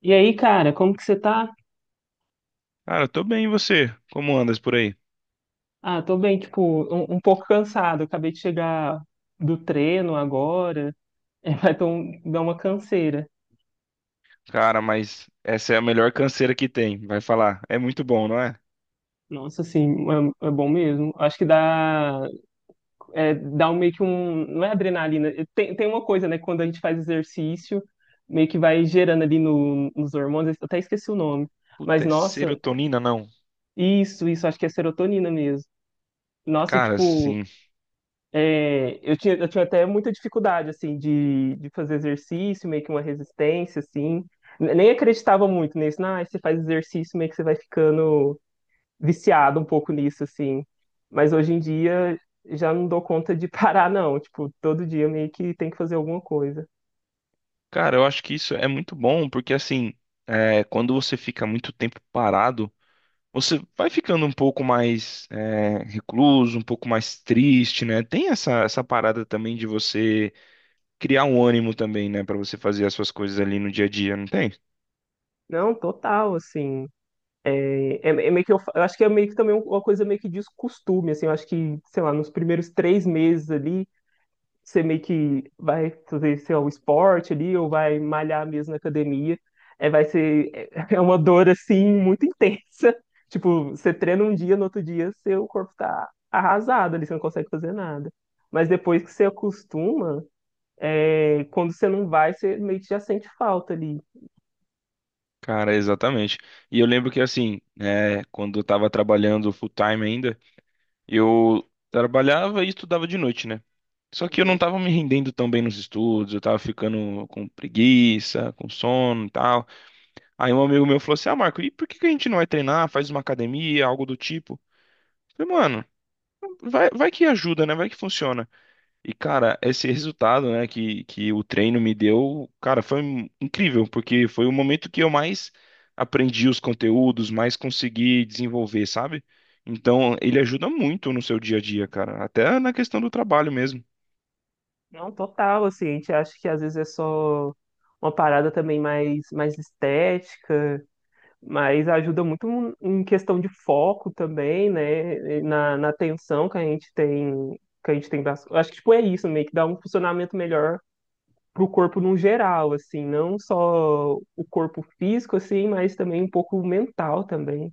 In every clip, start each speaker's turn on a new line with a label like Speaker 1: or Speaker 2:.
Speaker 1: E aí, cara, como que você tá?
Speaker 2: Cara, eu tô bem, e você? Como andas por aí?
Speaker 1: Ah, tô bem, tipo, um pouco cansado. Acabei de chegar do treino agora. É, vai dar uma canseira.
Speaker 2: Cara, mas essa é a melhor canseira que tem, vai falar. É muito bom, não é?
Speaker 1: Nossa, assim, é bom mesmo. Acho que dá, dá um, meio que um. Não é adrenalina. Tem uma coisa, né? Quando a gente faz exercício, meio que vai gerando ali no, nos hormônios. Eu até esqueci o nome. Mas,
Speaker 2: Puta, é
Speaker 1: nossa,
Speaker 2: serotonina, não?
Speaker 1: isso, acho que é serotonina mesmo. Nossa, e
Speaker 2: Cara,
Speaker 1: tipo.
Speaker 2: sim.
Speaker 1: É, eu tinha até muita dificuldade, assim, de fazer exercício, meio que uma resistência, assim. Nem acreditava muito nisso. Ah, você faz exercício, meio que você vai ficando viciado um pouco nisso, assim. Mas hoje em dia, já não dou conta de parar, não. Tipo, todo dia meio que tem que fazer alguma coisa.
Speaker 2: Cara, eu acho que isso é muito bom, porque assim, quando você fica muito tempo parado, você vai ficando um pouco mais recluso, um pouco mais triste, né? Tem essa parada também de você criar um ânimo também, né, pra você fazer as suas coisas ali no dia a dia, não tem?
Speaker 1: Não, total, assim. É meio que eu acho que é meio que também uma coisa meio que de costume, assim. Eu acho que, sei lá, nos primeiros 3 meses ali você meio que vai fazer seu esporte ali, ou vai malhar mesmo na academia. É, vai ser, é uma dor assim muito intensa. Tipo, você treina um dia, no outro dia seu corpo tá arrasado ali, você não consegue fazer nada. Mas depois que você acostuma, é, quando você não vai, você meio que já sente falta ali.
Speaker 2: Cara, exatamente. E eu lembro que assim, né, quando eu tava trabalhando full time ainda, eu trabalhava e estudava de noite, né? Só que eu não
Speaker 1: Uhum.
Speaker 2: tava me rendendo tão bem nos estudos, eu tava ficando com preguiça, com sono e tal. Aí um amigo meu falou assim: "Ah, Marco, e por que que a gente não vai treinar, faz uma academia, algo do tipo?" Eu falei, mano, vai que ajuda, né? Vai que funciona. E, cara, esse resultado, né, que o treino me deu, cara, incrível, porque foi o momento que eu mais aprendi os conteúdos, mais consegui desenvolver, sabe? Então, ele ajuda muito no seu dia a dia, cara, até na questão do trabalho mesmo.
Speaker 1: Não, total, assim, a gente acha que às vezes é só uma parada também mais estética, mas ajuda muito um, em questão de foco também, né? Na atenção que a gente tem, acho que tipo, é isso, meio que dá um funcionamento melhor pro corpo no geral, assim, não só o corpo físico, assim, mas também um pouco mental também.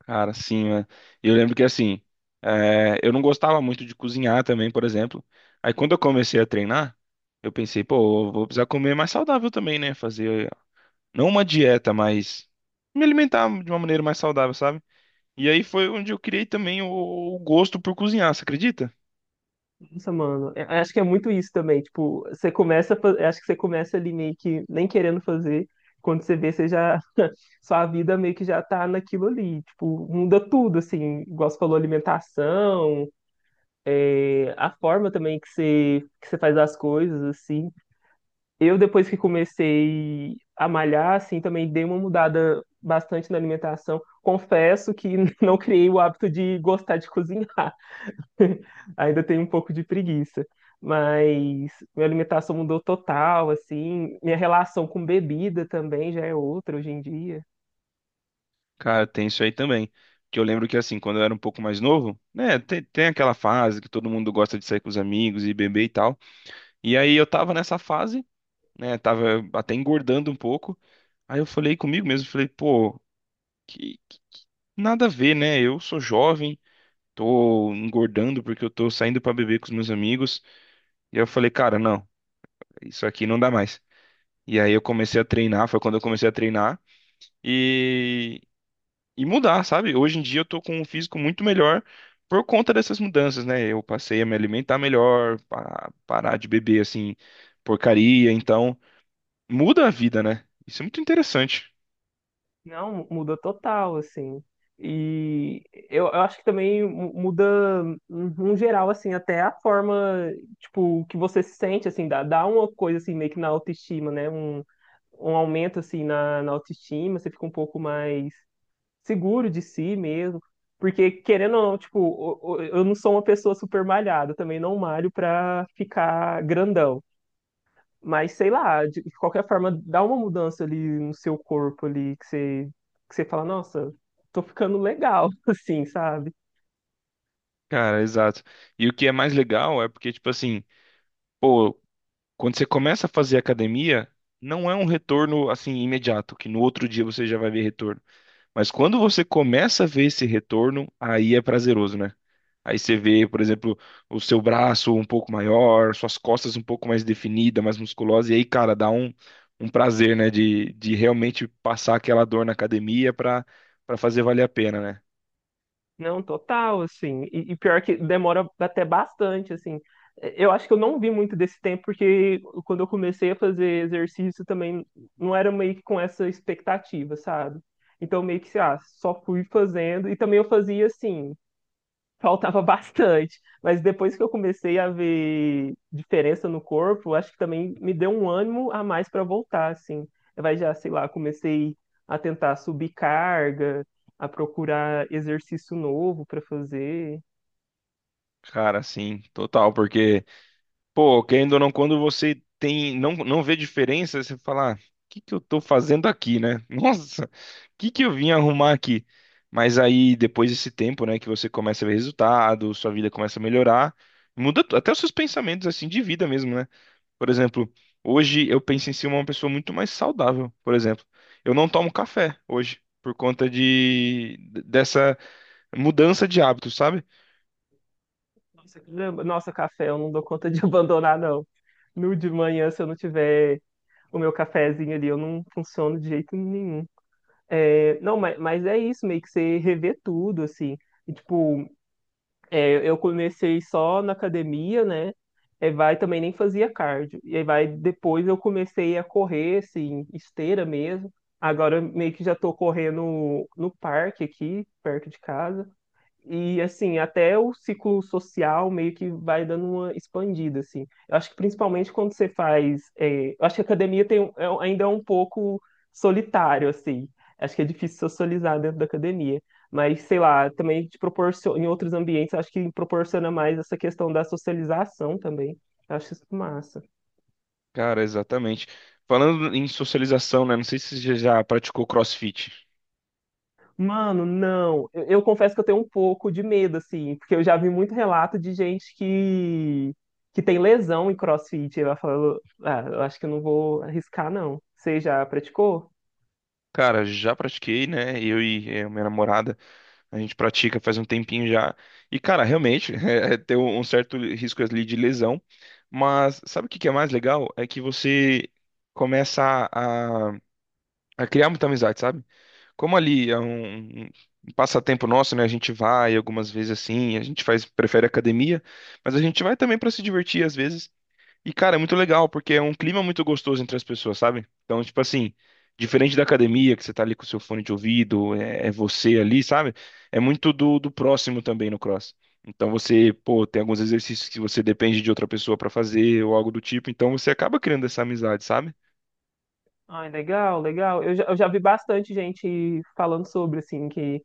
Speaker 2: Cara, sim, né? Eu lembro que, assim, eu não gostava muito de cozinhar também, por exemplo. Aí, quando eu comecei a treinar, eu pensei, pô, eu vou precisar comer mais saudável também, né? Fazer, não uma dieta, mas me alimentar de uma maneira mais saudável, sabe? E aí foi onde eu criei também o gosto por cozinhar, você acredita?
Speaker 1: Nossa, mano, é, eu acho que é muito isso também, tipo, você eu acho que você começa ali meio que nem querendo fazer, quando você vê, você já, sua vida meio que já tá naquilo ali, tipo, muda tudo, assim, igual você falou, alimentação, a forma também que você faz as coisas, assim. Eu, depois que comecei a malhar, assim, também dei uma mudada bastante na alimentação. Confesso que não criei o hábito de gostar de cozinhar. Ainda tenho um pouco de preguiça. Mas minha alimentação mudou total, assim. Minha relação com bebida também já é outra hoje em dia.
Speaker 2: Cara, tem isso aí também. Que eu lembro que assim, quando eu era um pouco mais novo, né, tem aquela fase que todo mundo gosta de sair com os amigos e beber e tal. E aí eu tava nessa fase, né, tava até engordando um pouco. Aí eu falei comigo mesmo, falei, pô, que, que- que- nada a ver, né? Eu sou jovem, tô engordando porque eu tô saindo pra beber com os meus amigos. E aí eu falei, cara, não, isso aqui não dá mais. E aí eu comecei a treinar, foi quando eu comecei a treinar. e, e mudar, sabe? Hoje em dia eu tô com um físico muito melhor por conta dessas mudanças, né? Eu passei a me alimentar melhor, parar de beber assim, porcaria, então muda a vida, né? Isso é muito interessante.
Speaker 1: Não, muda total, assim. E eu acho que também muda, no geral, assim, até a forma, tipo, que você se sente, assim, dá uma coisa, assim, meio que na autoestima, né? Um aumento, assim, na autoestima, você fica um pouco mais seguro de si mesmo. Porque, querendo ou não, tipo, eu não sou uma pessoa super malhada, eu também não malho pra ficar grandão. Mas sei lá, de qualquer forma, dá uma mudança ali no seu corpo ali que você fala, nossa, tô ficando legal, assim, sabe?
Speaker 2: Cara, exato. E o que é mais legal é porque, tipo assim, pô, quando você começa a fazer academia, não é um retorno assim imediato, que no outro dia você já vai ver retorno. Mas quando você começa a ver esse retorno, aí é prazeroso, né? Aí você vê, por exemplo, o seu braço um pouco maior, suas costas um pouco mais definida, mais musculosa, e aí, cara, um prazer, né, de realmente passar aquela dor na academia pra, pra fazer valer a pena, né?
Speaker 1: Não, total, assim. E pior que demora até bastante, assim. Eu acho que eu não vi muito desse tempo, porque quando eu comecei a fazer exercício também não era meio que com essa expectativa, sabe? Então meio que, ah, só fui fazendo. E também eu fazia assim. Faltava bastante. Mas depois que eu comecei a ver diferença no corpo, acho que também me deu um ânimo a mais para voltar, assim. Vai já, sei lá, comecei a tentar subir carga, a procurar exercício novo para fazer.
Speaker 2: Cara, sim, total, porque. Pô, querendo ou não, quando você tem, não, não vê diferença, você fala, ah, o que que eu tô fazendo aqui, né? Nossa, o que que eu vim arrumar aqui? Mas aí, depois desse tempo, né, que você começa a ver resultado, sua vida começa a melhorar, até os seus pensamentos, assim, de vida mesmo, né? Por exemplo, hoje eu penso em ser uma pessoa muito mais saudável, por exemplo. Eu não tomo café hoje, por conta de, dessa mudança de hábito, sabe?
Speaker 1: Nossa, caramba, nossa, café, eu não dou conta de abandonar, não. No de manhã, se eu não tiver o meu cafezinho ali, eu não funciono de jeito nenhum. É, não, mas é isso, meio que você rever tudo, assim. E, tipo, é, eu comecei só na academia, né? É, vai também nem fazia cardio. E aí vai depois eu comecei a correr, assim, esteira mesmo. Agora eu meio que já tô correndo no parque aqui, perto de casa. E assim, até o ciclo social meio que vai dando uma expandida, assim. Eu acho que principalmente quando você faz. É, eu acho que a academia tem, um- é um- ainda é um pouco solitário, assim. Acho que é difícil socializar dentro da academia. Mas, sei lá, também te proporciona, em outros ambientes, acho que proporciona mais essa questão da socialização também. Eu acho isso massa.
Speaker 2: Cara, exatamente. Falando em socialização, né? Não sei se você já praticou CrossFit.
Speaker 1: Mano, não. Eu confesso que eu tenho um pouco de medo, assim, porque eu já vi muito relato de gente que tem lesão em CrossFit. E ela falou, ah, eu acho que eu não vou arriscar, não. Você já praticou?
Speaker 2: Cara, já pratiquei, né? Eu e minha namorada, a gente pratica faz um tempinho já. E, cara, realmente, tem um certo risco ali de lesão. Mas sabe o que que é mais legal? É que você começa a, a- a criar muita amizade, sabe? Como ali é um passatempo nosso, né? A gente vai algumas vezes assim, a gente faz, prefere academia, mas a gente vai também para se divertir às vezes. E, cara, é muito legal, porque é um clima muito gostoso entre as pessoas, sabe? Então, tipo assim, diferente da academia, que você tá ali com o seu fone de ouvido, é você ali, sabe? É muito do próximo também no cross. Então, você, pô, tem alguns exercícios que você depende de outra pessoa pra fazer ou algo do tipo, então você acaba criando essa amizade, sabe?
Speaker 1: Ai, legal, legal. Eu já vi bastante gente falando sobre, assim,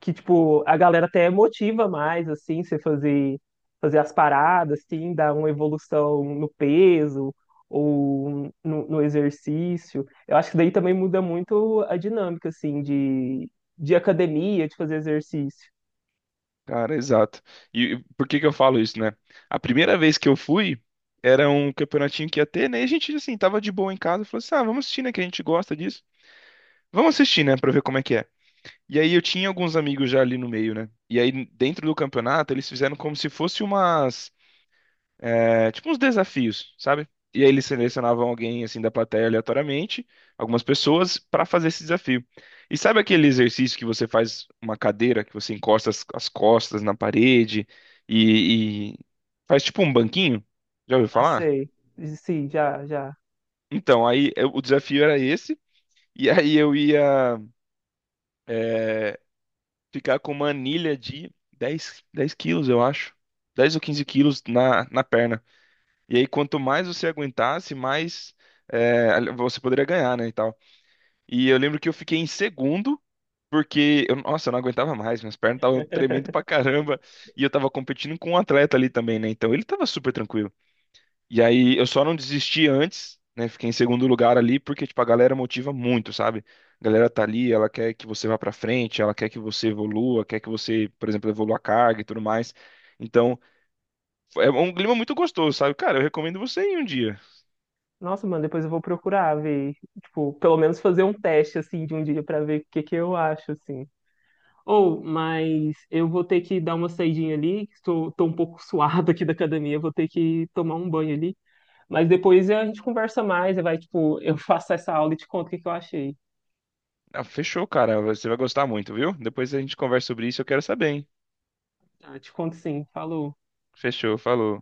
Speaker 1: que, tipo, a galera até motiva mais, assim, fazer as paradas, assim, dar uma evolução no peso ou no exercício. Eu acho que daí também muda muito a dinâmica, assim, de academia, de fazer exercício.
Speaker 2: Cara, exato. E por que que eu falo isso, né? A primeira vez que eu fui, era um campeonatinho que ia ter, né? E a gente, assim, tava de boa em casa, falou assim, ah, vamos assistir, né? Que a gente gosta disso. Vamos assistir, né? Pra ver como é que é. E aí eu tinha alguns amigos já ali no meio, né? E aí dentro do campeonato eles fizeram como se fosse umas, tipo uns desafios, sabe? E aí eles selecionavam alguém assim da plateia aleatoriamente, algumas pessoas pra fazer esse desafio. E sabe aquele exercício que você faz uma cadeira, que você encosta as costas na parede e faz tipo um banquinho? Já ouviu
Speaker 1: Ah,
Speaker 2: falar?
Speaker 1: sei. Sim, já, já.
Speaker 2: Então, o desafio era esse. E aí eu ia eh, ficar com uma anilha de dez kg, eu acho. 10 ou 15 kg na perna. E aí, quanto mais você aguentasse, mais você poderia ganhar, né, e tal. E eu lembro que eu fiquei em segundo, porque, eu, nossa, eu não aguentava mais, minhas pernas estavam tremendo pra caramba. E eu tava competindo com um atleta ali também, né, então ele tava super tranquilo. E aí eu só não desisti antes, né? Fiquei em segundo lugar ali, porque, tipo, a galera motiva muito, sabe? A galera tá ali, ela quer que você vá pra frente, ela quer que você evolua, quer que você, por exemplo, evolua a carga e tudo mais. Então, é um clima muito gostoso, sabe? Cara, eu recomendo você ir um dia.
Speaker 1: Nossa, mano, depois eu vou procurar ver, tipo, pelo menos fazer um teste, assim, de um dia pra ver o que que eu acho, assim. Ou, mas eu vou ter que dar uma saidinha ali, que estou tô um pouco suado aqui da academia, vou ter que tomar um banho ali. Mas depois a gente conversa mais, vai, tipo, eu faço essa aula e te conto o que que eu achei.
Speaker 2: Ah, fechou, cara. Você vai gostar muito, viu? Depois a gente conversa sobre isso, eu quero saber, hein?
Speaker 1: Ah, te conto sim, falou.
Speaker 2: Fechou, falou.